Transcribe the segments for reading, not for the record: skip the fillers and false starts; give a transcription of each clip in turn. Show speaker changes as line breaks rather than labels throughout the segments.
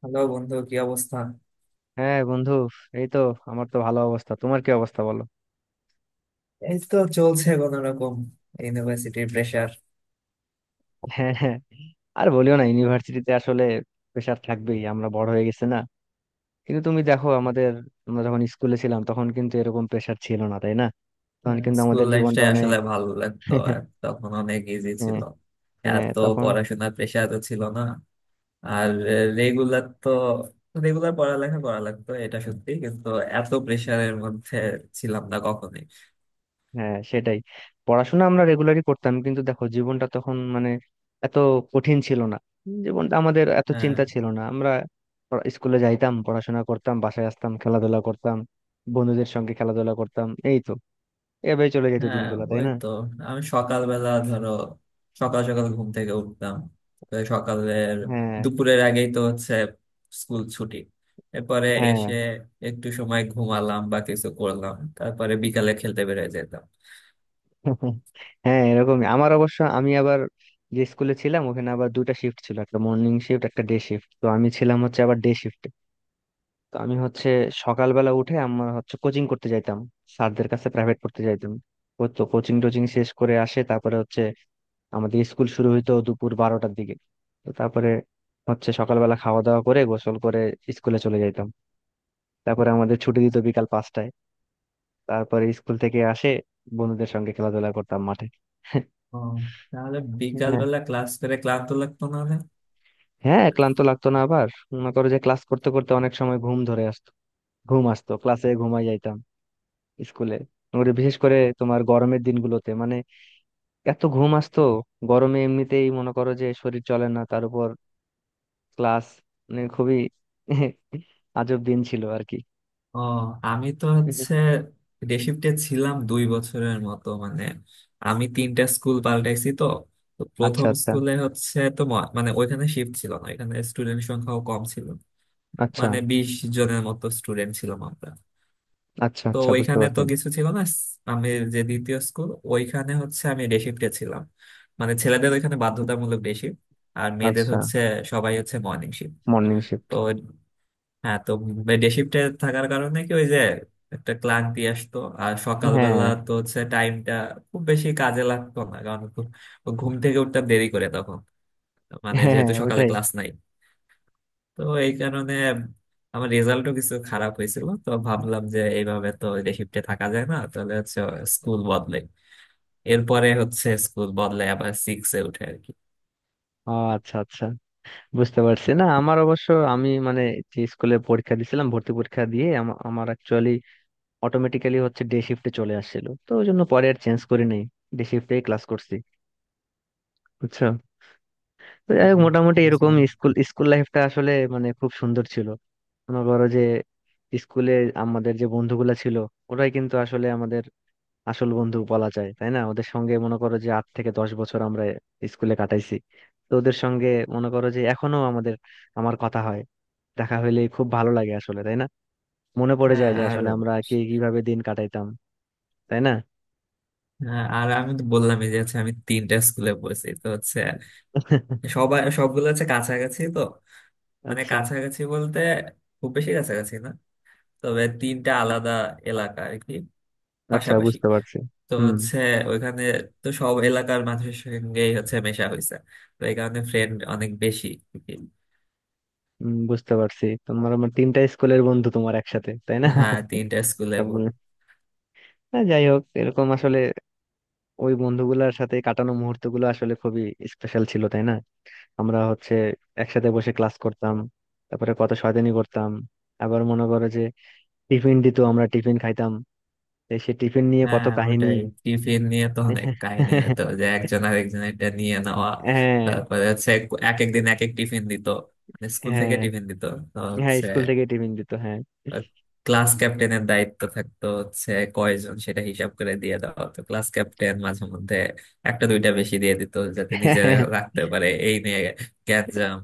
Hello বন্ধু, কি অবস্থা?
হ্যাঁ বন্ধু, এই তো আমার তো ভালো অবস্থা। তোমার কি অবস্থা বলো?
এই তো চলছে কোন রকম। ইউনিভার্সিটির প্রেশার।
হ্যাঁ, হ্যাঁ, আর বলিও না, ইউনিভার্সিটিতে আসলে প্রেশার থাকবেই, আমরা বড় হয়ে গেছে না। কিন্তু তুমি দেখো আমাদের, আমরা যখন স্কুলে ছিলাম তখন কিন্তু এরকম প্রেশার ছিল না, তাই না? তখন কিন্তু
স্কুল
আমাদের জীবনটা
লাইফটাই
অনেক
আসলে ভালো লাগতো, আর তখন অনেক ইজি ছিল।
হ্যাঁ, হ্যাঁ
এত
তখন।
পড়াশোনার প্রেশার তো ছিল না। আর রেগুলার তো রেগুলার পড়ালেখা করা লাগতো, এটা সত্যি, কিন্তু এত প্রেশারের মধ্যে ছিলাম না কখনোই।
হ্যাঁ সেটাই, পড়াশোনা আমরা রেগুলারই করতাম, কিন্তু দেখো জীবনটা তখন মানে এত কঠিন ছিল না। জীবনটা আমাদের, এত
হ্যাঁ,
চিন্তা ছিল না আমরা স্কুলে যাইতাম, পড়াশোনা করতাম, বাসায় আসতাম, খেলাধুলা করতাম, বন্ধুদের সঙ্গে খেলাধুলা করতাম, এই তো এভাবে চলে যেত
হ্যাঁ,
দিনগুলো, তাই
ওই
না?
তো আমি সকালবেলা ধরো সকাল সকাল ঘুম থেকে উঠতাম। তারপরে সকালের
হ্যাঁ,
দুপুরের আগেই তো হচ্ছে স্কুল ছুটি। এরপরে
হ্যাঁ।
এসে একটু সময় ঘুমালাম বা কিছু করলাম, তারপরে বিকালে খেলতে বেরিয়ে যেতাম।
হ্যাঁ এরকমই। আমার অবশ্য, আমি আবার যে স্কুলে ছিলাম ওখানে আবার 2টা শিফট ছিল, একটা মর্নিং শিফট একটা ডে শিফট, তো আমি ছিলাম হচ্ছে আবার ডে শিফট। তো আমি হচ্ছে সকালবেলা উঠে আমরা হচ্ছে কোচিং করতে যাইতাম, স্যারদের কাছে প্রাইভেট পড়তে যাইতাম। ও তো কোচিং টোচিং শেষ করে আসে তারপরে হচ্ছে আমাদের স্কুল শুরু হইতো দুপুর 12টার দিকে। তো তারপরে হচ্ছে সকালবেলা খাওয়া দাওয়া করে, গোসল করে স্কুলে চলে যাইতাম। তারপরে আমাদের ছুটি দিত বিকাল 5টায়। তারপরে স্কুল থেকে আসে বন্ধুদের সঙ্গে খেলাধুলা করতাম মাঠে।
ও, তাহলে
হ্যাঁ,
বিকালবেলা ক্লাস করে ক্লান্ত লাগতো না?
হ্যাঁ ক্লান্ত লাগতো না। আবার মনে করো যে ক্লাস করতে করতে অনেক সময় ঘুম ধরে আসতো, ঘুম আসতো, ক্লাসে ঘুমাই যাইতাম স্কুলে। ওরে, বিশেষ করে তোমার গরমের দিনগুলোতে মানে এত ঘুম আসতো, গরমে এমনিতেই মনে করো যে শরীর চলে না, তার উপর ক্লাস, মানে খুবই আজব দিন ছিল আর কি।
ও, আমি তো হচ্ছে ডে শিফটে ছিলাম 2 বছরের মতো। মানে আমি তিনটা স্কুল পাল্টাইছি তো। তো
আচ্ছা,
প্রথম
আচ্ছা।
স্কুলে হচ্ছে তো মানে ওইখানে শিফট ছিল না, এখানে স্টুডেন্ট সংখ্যাও কম ছিল।
আচ্ছা,
মানে 20 জনের মতো স্টুডেন্ট ছিলাম আমরা।
আচ্ছা।
তো
আচ্ছা, বুঝতে
ওইখানে তো
পারছি।
কিছু ছিল না। আমি যে দ্বিতীয় স্কুল, ওইখানে হচ্ছে আমি ডে শিফটে ছিলাম। মানে ছেলেদের ওইখানে বাধ্যতামূলক ডে শিফট, আর মেয়েদের
আচ্ছা।
হচ্ছে সবাই হচ্ছে মর্নিং শিফট।
Morning shift.
তো হ্যাঁ, তো ডে শিফটে থাকার কারণে কি ওই যে একটা ক্লান্তি আসতো, আর সকালবেলা
হ্যাঁ,
তো হচ্ছে টাইমটা খুব বেশি কাজে লাগতো না, কারণ ঘুম থেকে উঠতাম দেরি করে তখন, মানে
হ্যাঁ। হ্যাঁ,
যেহেতু সকালে
ওটাই।
ক্লাস নাই। তো এই কারণে আমার রেজাল্টও কিছু খারাপ হয়েছিল, তো ভাবলাম যে এইভাবে তো ডে শিফটে থাকা যায় না, তাহলে হচ্ছে স্কুল বদলাই। এরপরে হচ্ছে স্কুল বদলাই আবার সিক্সে উঠে আর কি।
ও আচ্ছা, আচ্ছা বুঝতে পারছি। না, আমার অবশ্য, আমি মানে যে স্কুলে পরীক্ষা দিছিলাম, ভর্তি পরীক্ষা দিয়ে আমার অ্যাকচুয়ালি অটোমেটিক্যালি হচ্ছে ডে শিফটে চলে আসছিল, তো ওই জন্য পরে আর চেঞ্জ করি নাই, ডে শিফটেই ক্লাস করছি, বুঝছো? তো
হ্যাঁ,
যাই হোক, মোটামুটি এরকম
বুঝলাম।
স্কুল স্কুল লাইফটা আসলে মানে খুব সুন্দর ছিল। মনে করো যে স্কুলে আমাদের যে বন্ধুগুলা ছিল, ওরাই কিন্তু আসলে আমাদের আসল বন্ধু বলা যায়, তাই না? ওদের সঙ্গে মনে করো যে 8 থেকে 10 বছর আমরা স্কুলে কাটাইছি। তো ওদের সঙ্গে মনে করো যে এখনো আমাদের, আমার কথা হয়, দেখা হইলে খুব ভালো লাগে আসলে, তাই না? মনে পড়ে
হ্যাঁ
যায় যে
আর
আসলে আমরা কে কিভাবে দিন কাটাইতাম, তাই না?
হ্যাঁ, আর আমি তো বললামই যে হচ্ছে আমি তিনটা স্কুলে পড়েছি তো হচ্ছে সবাই সবগুলো হচ্ছে কাছাকাছি তো। মানে
আচ্ছা,
কাছাকাছি বলতে খুব বেশি কাছাকাছি না, তবে তিনটা আলাদা এলাকা আর কি,
আচ্ছা
পাশাপাশি।
বুঝতে পারছি।
তো
হুম।
হচ্ছে ওইখানে তো সব এলাকার মানুষের সঙ্গেই হচ্ছে মেশা হয়েছে। তো এই কারণে ফ্রেন্ড অনেক বেশি আর কি।
হুম, বুঝতে পারছি, তোমার আমার 3টা স্কুলের বন্ধু তোমার একসাথে, তাই না?
হ্যাঁ, তিনটা স্কুলের বোন।
সবগুলো। না, যাই হোক, এরকম আসলে ওই বন্ধুগুলোর সাথে কাটানো মুহূর্ত গুলো আসলে খুবই স্পেশাল ছিল, তাই না? আমরা হচ্ছে একসাথে বসে ক্লাস করতাম, তারপরে কত শয়তানি করতাম। আবার মনে করো যে টিফিন দিত, আমরা টিফিন খাইতাম, এই সে টিফিন নিয়ে কত
হ্যাঁ,
কাহিনী।
ওটাই, টিফিন নিয়ে তো অনেক কাহিনী হতো, যে একজন আর একজন এটা নিয়ে নেওয়া।
হ্যাঁ।
তারপরে হচ্ছে এক একদিন এক এক টিফিন দিত, মানে স্কুল থেকে
হ্যাঁ,
টিফিন দিত। তো
হ্যাঁ
হচ্ছে
স্কুল থেকে টিফিন দিত, হ্যাঁ।
ক্লাস ক্যাপ্টেনের দায়িত্ব থাকতো হচ্ছে কয়জন সেটা হিসাব করে দিয়ে দেওয়া। হতো ক্লাস ক্যাপ্টেন মাঝে মধ্যে একটা দুইটা বেশি দিয়ে দিত যাতে নিজে রাখতে পারে। এই নিয়ে গ্যাঞ্জাম,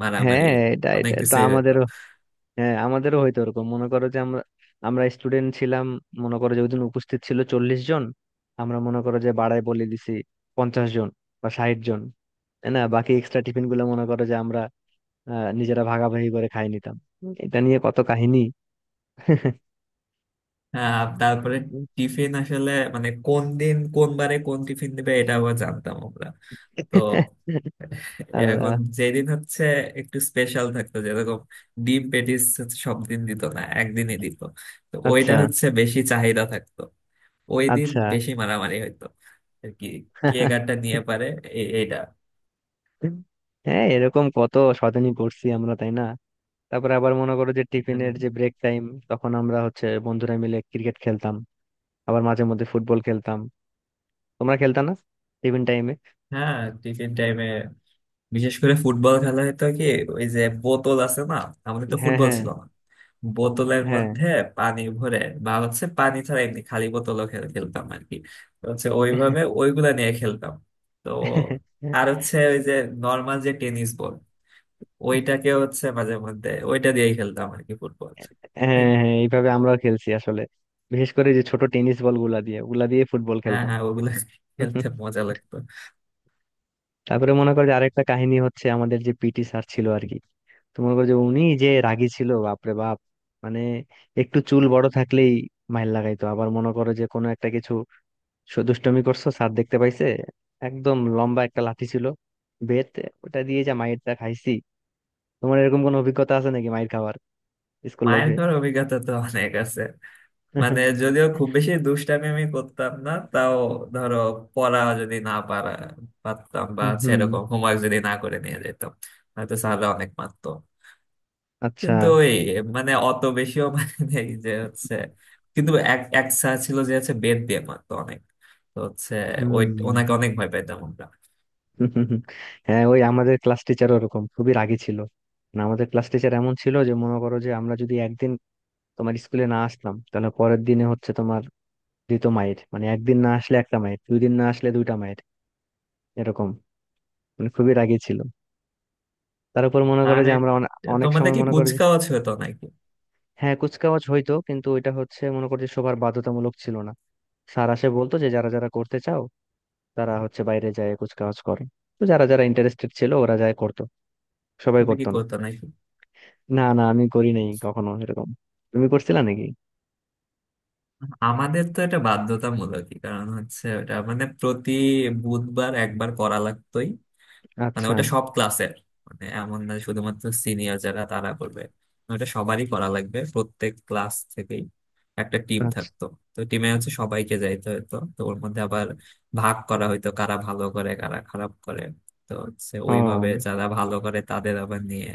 মারামারি,
হ্যাঁ এটা এটা
অনেক
তো
কিছুই হতো।
আমাদের। হ্যাঁ আমাদেরও হয়তো ওরকম, মনে করো যে আমরা আমরা স্টুডেন্ট ছিলাম মনে করো যে ওইদিন উপস্থিত ছিল 40 জন, আমরা মনে করো যে বাড়ায় বলে দিছি 50 জন বা 60 জন, তাই না? বাকি এক্সট্রা টিফিন গুলো মনে করো যে আমরা আহ, নিজেরা ভাগাভাগি করে খাই নিতাম। এটা নিয়ে কত কাহিনী।
আহ, তারপরে টিফিন আসলে মানে কোন দিন কোন বারে কোন টিফিন দিবে এটা আবার জানতাম আমরা। তো এখন
আল্লাহ।
যেদিন হচ্ছে একটু স্পেশাল থাকতো, যেরকম ডিম পেটিস হচ্ছে সব দিন দিত না, একদিনই দিত। তো ওইটা
আচ্ছা,
হচ্ছে বেশি চাহিদা থাকতো, ওই দিন
আচ্ছা।
বেশি মারামারি হইতো আর কি, কে গানটা নিয়ে পারে এইটা।
হ্যাঁ এরকম কত শয়তানি করছি আমরা, তাই না? তারপরে আবার মনে করো যে
মানে,
টিফিনের যে ব্রেক টাইম, তখন আমরা হচ্ছে বন্ধুরা মিলে ক্রিকেট খেলতাম, আবার মাঝে মধ্যে ফুটবল খেলতাম। তোমরা খেলতা না টিফিন টাইমে?
হ্যাঁ টিফিন টাইমে বিশেষ করে ফুটবল খেলা হতো কি ওই যে বোতল আছে না, আমাদের তো
হ্যাঁ,
ফুটবল
হ্যাঁ।
ছিল না, বোতলের
হ্যাঁ,
মধ্যে পানি ভরে বা হচ্ছে পানি ছাড়া এমনি খালি বোতলও খেলতাম আর কি। তো হচ্ছে ওইভাবে ওইগুলা নিয়ে খেলতাম। তো
হ্যাঁ।
আর হচ্ছে ওই যে নর্মাল যে টেনিস বল, ওইটাকে হচ্ছে মাঝে মধ্যে ওইটা দিয়েই খেলতাম আর কি ফুটবল। এই
হ্যাঁ এইভাবে আমরাও খেলছি আসলে, বিশেষ করে যে ছোট টেনিস বল গুলা দিয়ে, ওগুলা দিয়ে ফুটবল
হ্যাঁ,
খেলতাম।
হ্যাঁ ওগুলা খেলতে মজা লাগতো।
তারপরে মনে করো যে আরেকটা কাহিনী হচ্ছে আমাদের যে পিটি স্যার ছিল আর কি, তো মনে করো যে উনি যে রাগী ছিল বাপরে বাপ, মানে একটু চুল বড় থাকলেই মাইর লাগাইতো। আবার মনে করো যে কোনো একটা কিছু দুষ্টুমি করছো, স্যার দেখতে পাইছে, একদম লম্বা একটা লাঠি ছিল, বেত, ওটা দিয়ে যা মাইরটা খাইছি। তোমার এরকম কোনো অভিজ্ঞতা আছে নাকি মাইর খাবার স্কুল
মায়ের
লাইফে?
খাওয়ার অভিজ্ঞতা তো অনেক আছে। মানে যদিও খুব বেশি দুষ্টামি আমি করতাম না, তাও ধরো পড়া যদি না পারা পারতাম বা
হুম।
সেরকম হোমওয়ার্ক যদি না করে নিয়ে যেতাম, হয়তো স্যাররা অনেক মারতো।
আচ্ছা।
কিন্তু ওই মানে অত বেশিও মানে নেই যে হচ্ছে, কিন্তু এক এক স্যার ছিল যে হচ্ছে বেত দিয়ে মারতো অনেক। তো হচ্ছে ওই
হুম।
ওনাকে অনেক ভয় পেতাম আমরা।
হ্যাঁ ওই আমাদের ক্লাস টিচার ওরকম খুবই রাগী ছিল। মানে আমাদের ক্লাস টিচার এমন ছিল যে মনে করো যে আমরা যদি একদিন তোমার স্কুলে না আসলাম, তাহলে পরের দিনে হচ্ছে তোমার দ্বিতীয় মাইর। মানে একদিন না আসলে একটা মাইর, 2 দিন না আসলে 2টা মাইর, এরকম। মানে খুবই রাগী ছিল। তার উপর মনে করে
আর
যে
এক,
আমরা অনেক
তোমাদের
সময়
কি
মনে করে যে,
কুচকাওয়াজ হতো নাকি?
হ্যাঁ কুচকাওয়াজ হইতো কিন্তু ওইটা হচ্ছে মনে করো যে সবার বাধ্যতামূলক ছিল না। স্যার আসে বলতো যে যারা যারা করতে চাও তারা হচ্ছে বাইরে যায় কুচকাওয়াজ করে। তো যারা যারা ইন্টারেস্টেড ছিল ওরা যায় করতো, সবাই
তুমি কি
করতো না।
করতো নাকি?
না না, আমি করি নাই কখনো এরকম। তুমি করছিলা নাকি?
আমাদের তো এটা বাধ্যতামূলকই, কারণ হচ্ছে ওটা মানে প্রতি বুধবার একবার করা লাগতোই। মানে
আচ্ছা,
ওটা সব ক্লাসের, মানে এমন না শুধুমাত্র সিনিয়র যারা তারা করবে, ওটা সবারই করা লাগবে, প্রত্যেক ক্লাস থেকেই একটা টিম
আচ্ছা।
থাকতো। তো টিমে হচ্ছে সবাইকে যাইতে হতো, তো ওর মধ্যে আবার ভাগ করা হইতো কারা ভালো করে, কারা খারাপ করে। তো হচ্ছে
ও।
ওইভাবে যারা ভালো করে তাদের আবার নিয়ে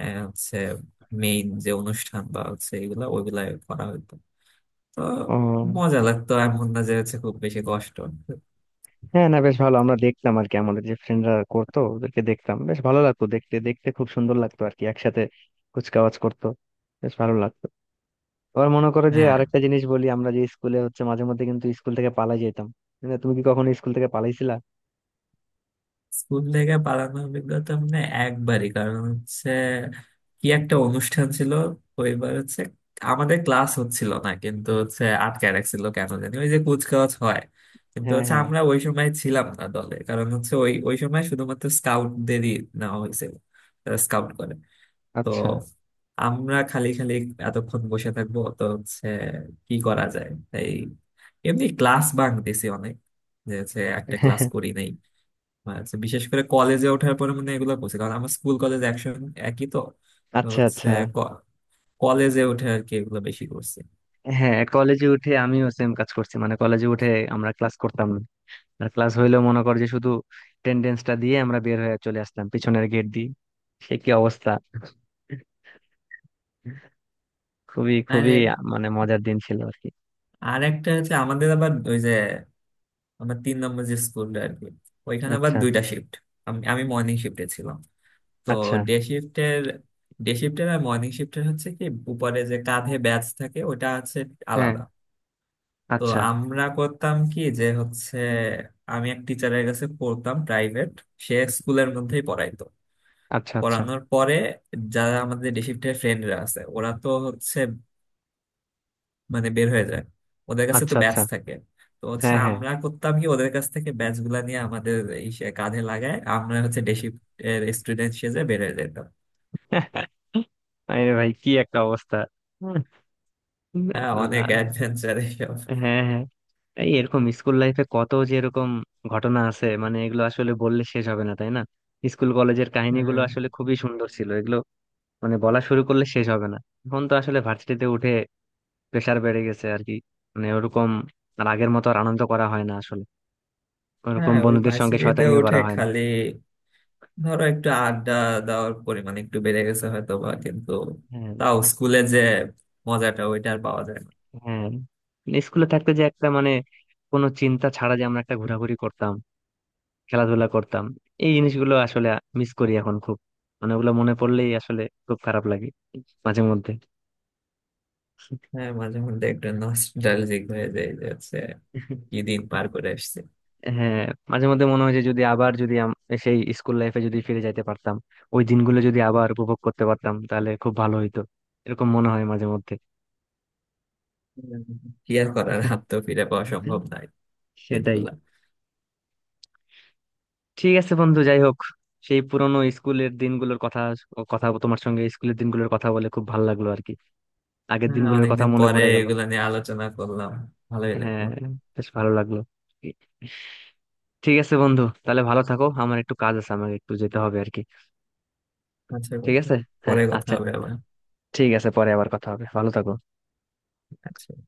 আহ, হচ্ছে মেইন যে অনুষ্ঠান বা হচ্ছে এগুলা ওইগুলা করা হতো। তো
ও।
মজা লাগতো, এমন না যে হচ্ছে খুব বেশি কষ্ট।
হ্যাঁ না বেশ ভালো, আমরা দেখতাম আর কি, আমাদের যে ফ্রেন্ডরা করতো ওদেরকে দেখতাম বেশ ভালো লাগতো, দেখতে দেখতে খুব সুন্দর লাগতো আর কি, একসাথে কুচকাওয়াজ করতো, বেশ ভালো লাগতো। আবার মনে করো যে
হ্যাঁ,
আরেকটা জিনিস বলি, আমরা যে স্কুলে হচ্ছে মাঝে মধ্যে কিন্তু স্কুল থেকে পালাই যেতাম। মানে তুমি কি কখনো স্কুল থেকে পালাইছিলা?
স্কুল থেকে পালানোর অভিজ্ঞতা মানে একবারই, কারণ হচ্ছে কি একটা অনুষ্ঠান ছিল, ওইবার হচ্ছে আমাদের ক্লাস হচ্ছিল না, কিন্তু হচ্ছে আটকে রাখছিল কেন জানি। ওই যে কুচকাওয়াজ হয়, কিন্তু
হ্যাঁ,
হচ্ছে
হ্যাঁ।
আমরা ওই সময় ছিলাম না দলে, কারণ হচ্ছে ওই ওই সময় শুধুমাত্র স্কাউটদেরই নেওয়া হয়েছিল, স্কাউট করে। তো
আচ্ছা।
আমরা খালি খালি এতক্ষণ বসে থাকবো, তো হচ্ছে কি করা যায়, তাই এমনি ক্লাস বাঙ্ক দিছি অনেক, যে হচ্ছে একটা ক্লাস করি নাই। বা হচ্ছে বিশেষ করে কলেজে ওঠার পরে মানে এগুলো করছি, কারণ আমার স্কুল কলেজ একসঙ্গে একই তো। তো
আচ্ছা,
হচ্ছে
আচ্ছা।
ক- কলেজে উঠে আর কি এগুলো বেশি করছি।
হ্যাঁ কলেজে উঠে আমিও সেম কাজ করছি, মানে কলেজে উঠে আমরা ক্লাস করতাম না, আর ক্লাস হইলেও মনে কর যে শুধু টেন্ডেন্সটা দিয়ে আমরা বের হয়ে চলে আসতাম পিছনের গেট দিয়ে। সে কি অবস্থা, খুবই
আর
খুবই মানে মজার দিন ছিল আর কি।
আর একটা হচ্ছে আমাদের আবার ওই যে আমার 3 নম্বর যে স্কুলটা আর কি, ওইখানে আবার
আচ্ছা,
দুইটা শিফট। আমি আমি মর্নিং শিফটে ছিলাম। তো
আচ্ছা।
ডে শিফটের ডে শিফটের আর মর্নিং শিফটের হচ্ছে কি উপরে যে কাঁধে ব্যাচ থাকে ওটা হচ্ছে
হ্যাঁ।
আলাদা। তো
আচ্ছা,
আমরা করতাম কি যে হচ্ছে আমি এক টিচারের কাছে পড়তাম প্রাইভেট, সে স্কুলের মধ্যেই পড়াইতো।
আচ্ছা। আচ্ছা,
পড়ানোর পরে যারা আমাদের ডে শিফটের ফ্রেন্ডরা আছে ওরা তো হচ্ছে মানে বের হয়ে যায়, ওদের কাছে তো
আচ্ছা।
ব্যাচ
আচ্ছা।
থাকে। তো হচ্ছে
হ্যাঁ, হ্যাঁ।
আমরা করতাম কি ওদের কাছ থেকে ব্যাচ গুলা নিয়ে আমাদের এই সে কাঁধে লাগায় আমরা হচ্ছে ডে শিফটের স্টুডেন্ট সেজে বের হয়ে যেতাম।
আরে ভাই কি একটা অবস্থা!
হ্যাঁ, অনেক
আল্লাহ।
অ্যাডভেঞ্চার।
হ্যাঁ, হ্যাঁ। এই এরকম স্কুল লাইফে কত যে এরকম ঘটনা আছে, মানে এগুলো আসলে বললে শেষ হবে না, তাই না? স্কুল কলেজের কাহিনীগুলো
হ্যাঁ
আসলে খুবই সুন্দর ছিল এগুলো, মানে বলা শুরু করলে শেষ হবে না। এখন তো আসলে ভার্সিটিতে উঠে প্রেসার বেড়ে গেছে আর কি, মানে ওরকম আর আগের মতো আর আনন্দ করা হয় না আসলে, ওরকম
হ্যাঁ, ওই
বন্ধুদের সঙ্গে
ভার্সিটিতে
শয়তানিও
উঠে
করা হয় না।
খালি ধরো একটু আড্ডা দেওয়ার পরিমাণ একটু বেড়ে গেছে হয়তো বা, কিন্তু
হ্যাঁ।
তাও স্কুলে যে মজাটা ওইটা আর পাওয়া যায় না।
হ্যাঁ, স্কুলে থাকতে যে একটা মানে কোনো চিন্তা ছাড়া যে আমরা একটা ঘোরাঘুরি করতাম, খেলাধুলা করতাম, এই জিনিসগুলো আসলে মিস করি এখন খুব। মানে ওগুলো মনে পড়লেই আসলে খুব খারাপ লাগে মাঝে মধ্যে।
হ্যাঁ মাঝে মধ্যে একটু নস্টালজিক হয়ে যায় যে হচ্ছে কি দিন পার করে এসেছে।
হ্যাঁ মাঝে মধ্যে মনে হয় যে যদি আবার, যদি সেই স্কুল লাইফে যদি ফিরে যাইতে পারতাম, ওই দিনগুলো যদি আবার উপভোগ করতে পারতাম তাহলে খুব ভালো হইতো, এরকম মনে হয় মাঝে মধ্যে।
কি আর করার, হাত তো ফিরে পাওয়া সম্ভব নাই
সেটাই।
দিনগুলা।
ঠিক আছে বন্ধু, যাই হোক, সেই পুরনো স্কুলের দিনগুলোর কথা, তোমার সঙ্গে স্কুলের দিনগুলোর কথা বলে খুব ভালো লাগলো আর কি, আগের
হ্যাঁ,
দিনগুলোর কথা
অনেকদিন
মনে
পরে
পড়ে গেল।
এগুলা নিয়ে আলোচনা করলাম, ভালোই
হ্যাঁ,
লাগলো।
বেশ ভালো লাগলো। ঠিক আছে বন্ধু, তাহলে ভালো থাকো, আমার একটু কাজ আছে আমাকে একটু যেতে হবে আর কি।
আচ্ছা
ঠিক
বন্ধু,
আছে। হ্যাঁ,
পরে কথা
আচ্ছা।
হবে আবার।
ঠিক আছে, পরে আবার কথা হবে, ভালো থাকো।
আচ্ছা।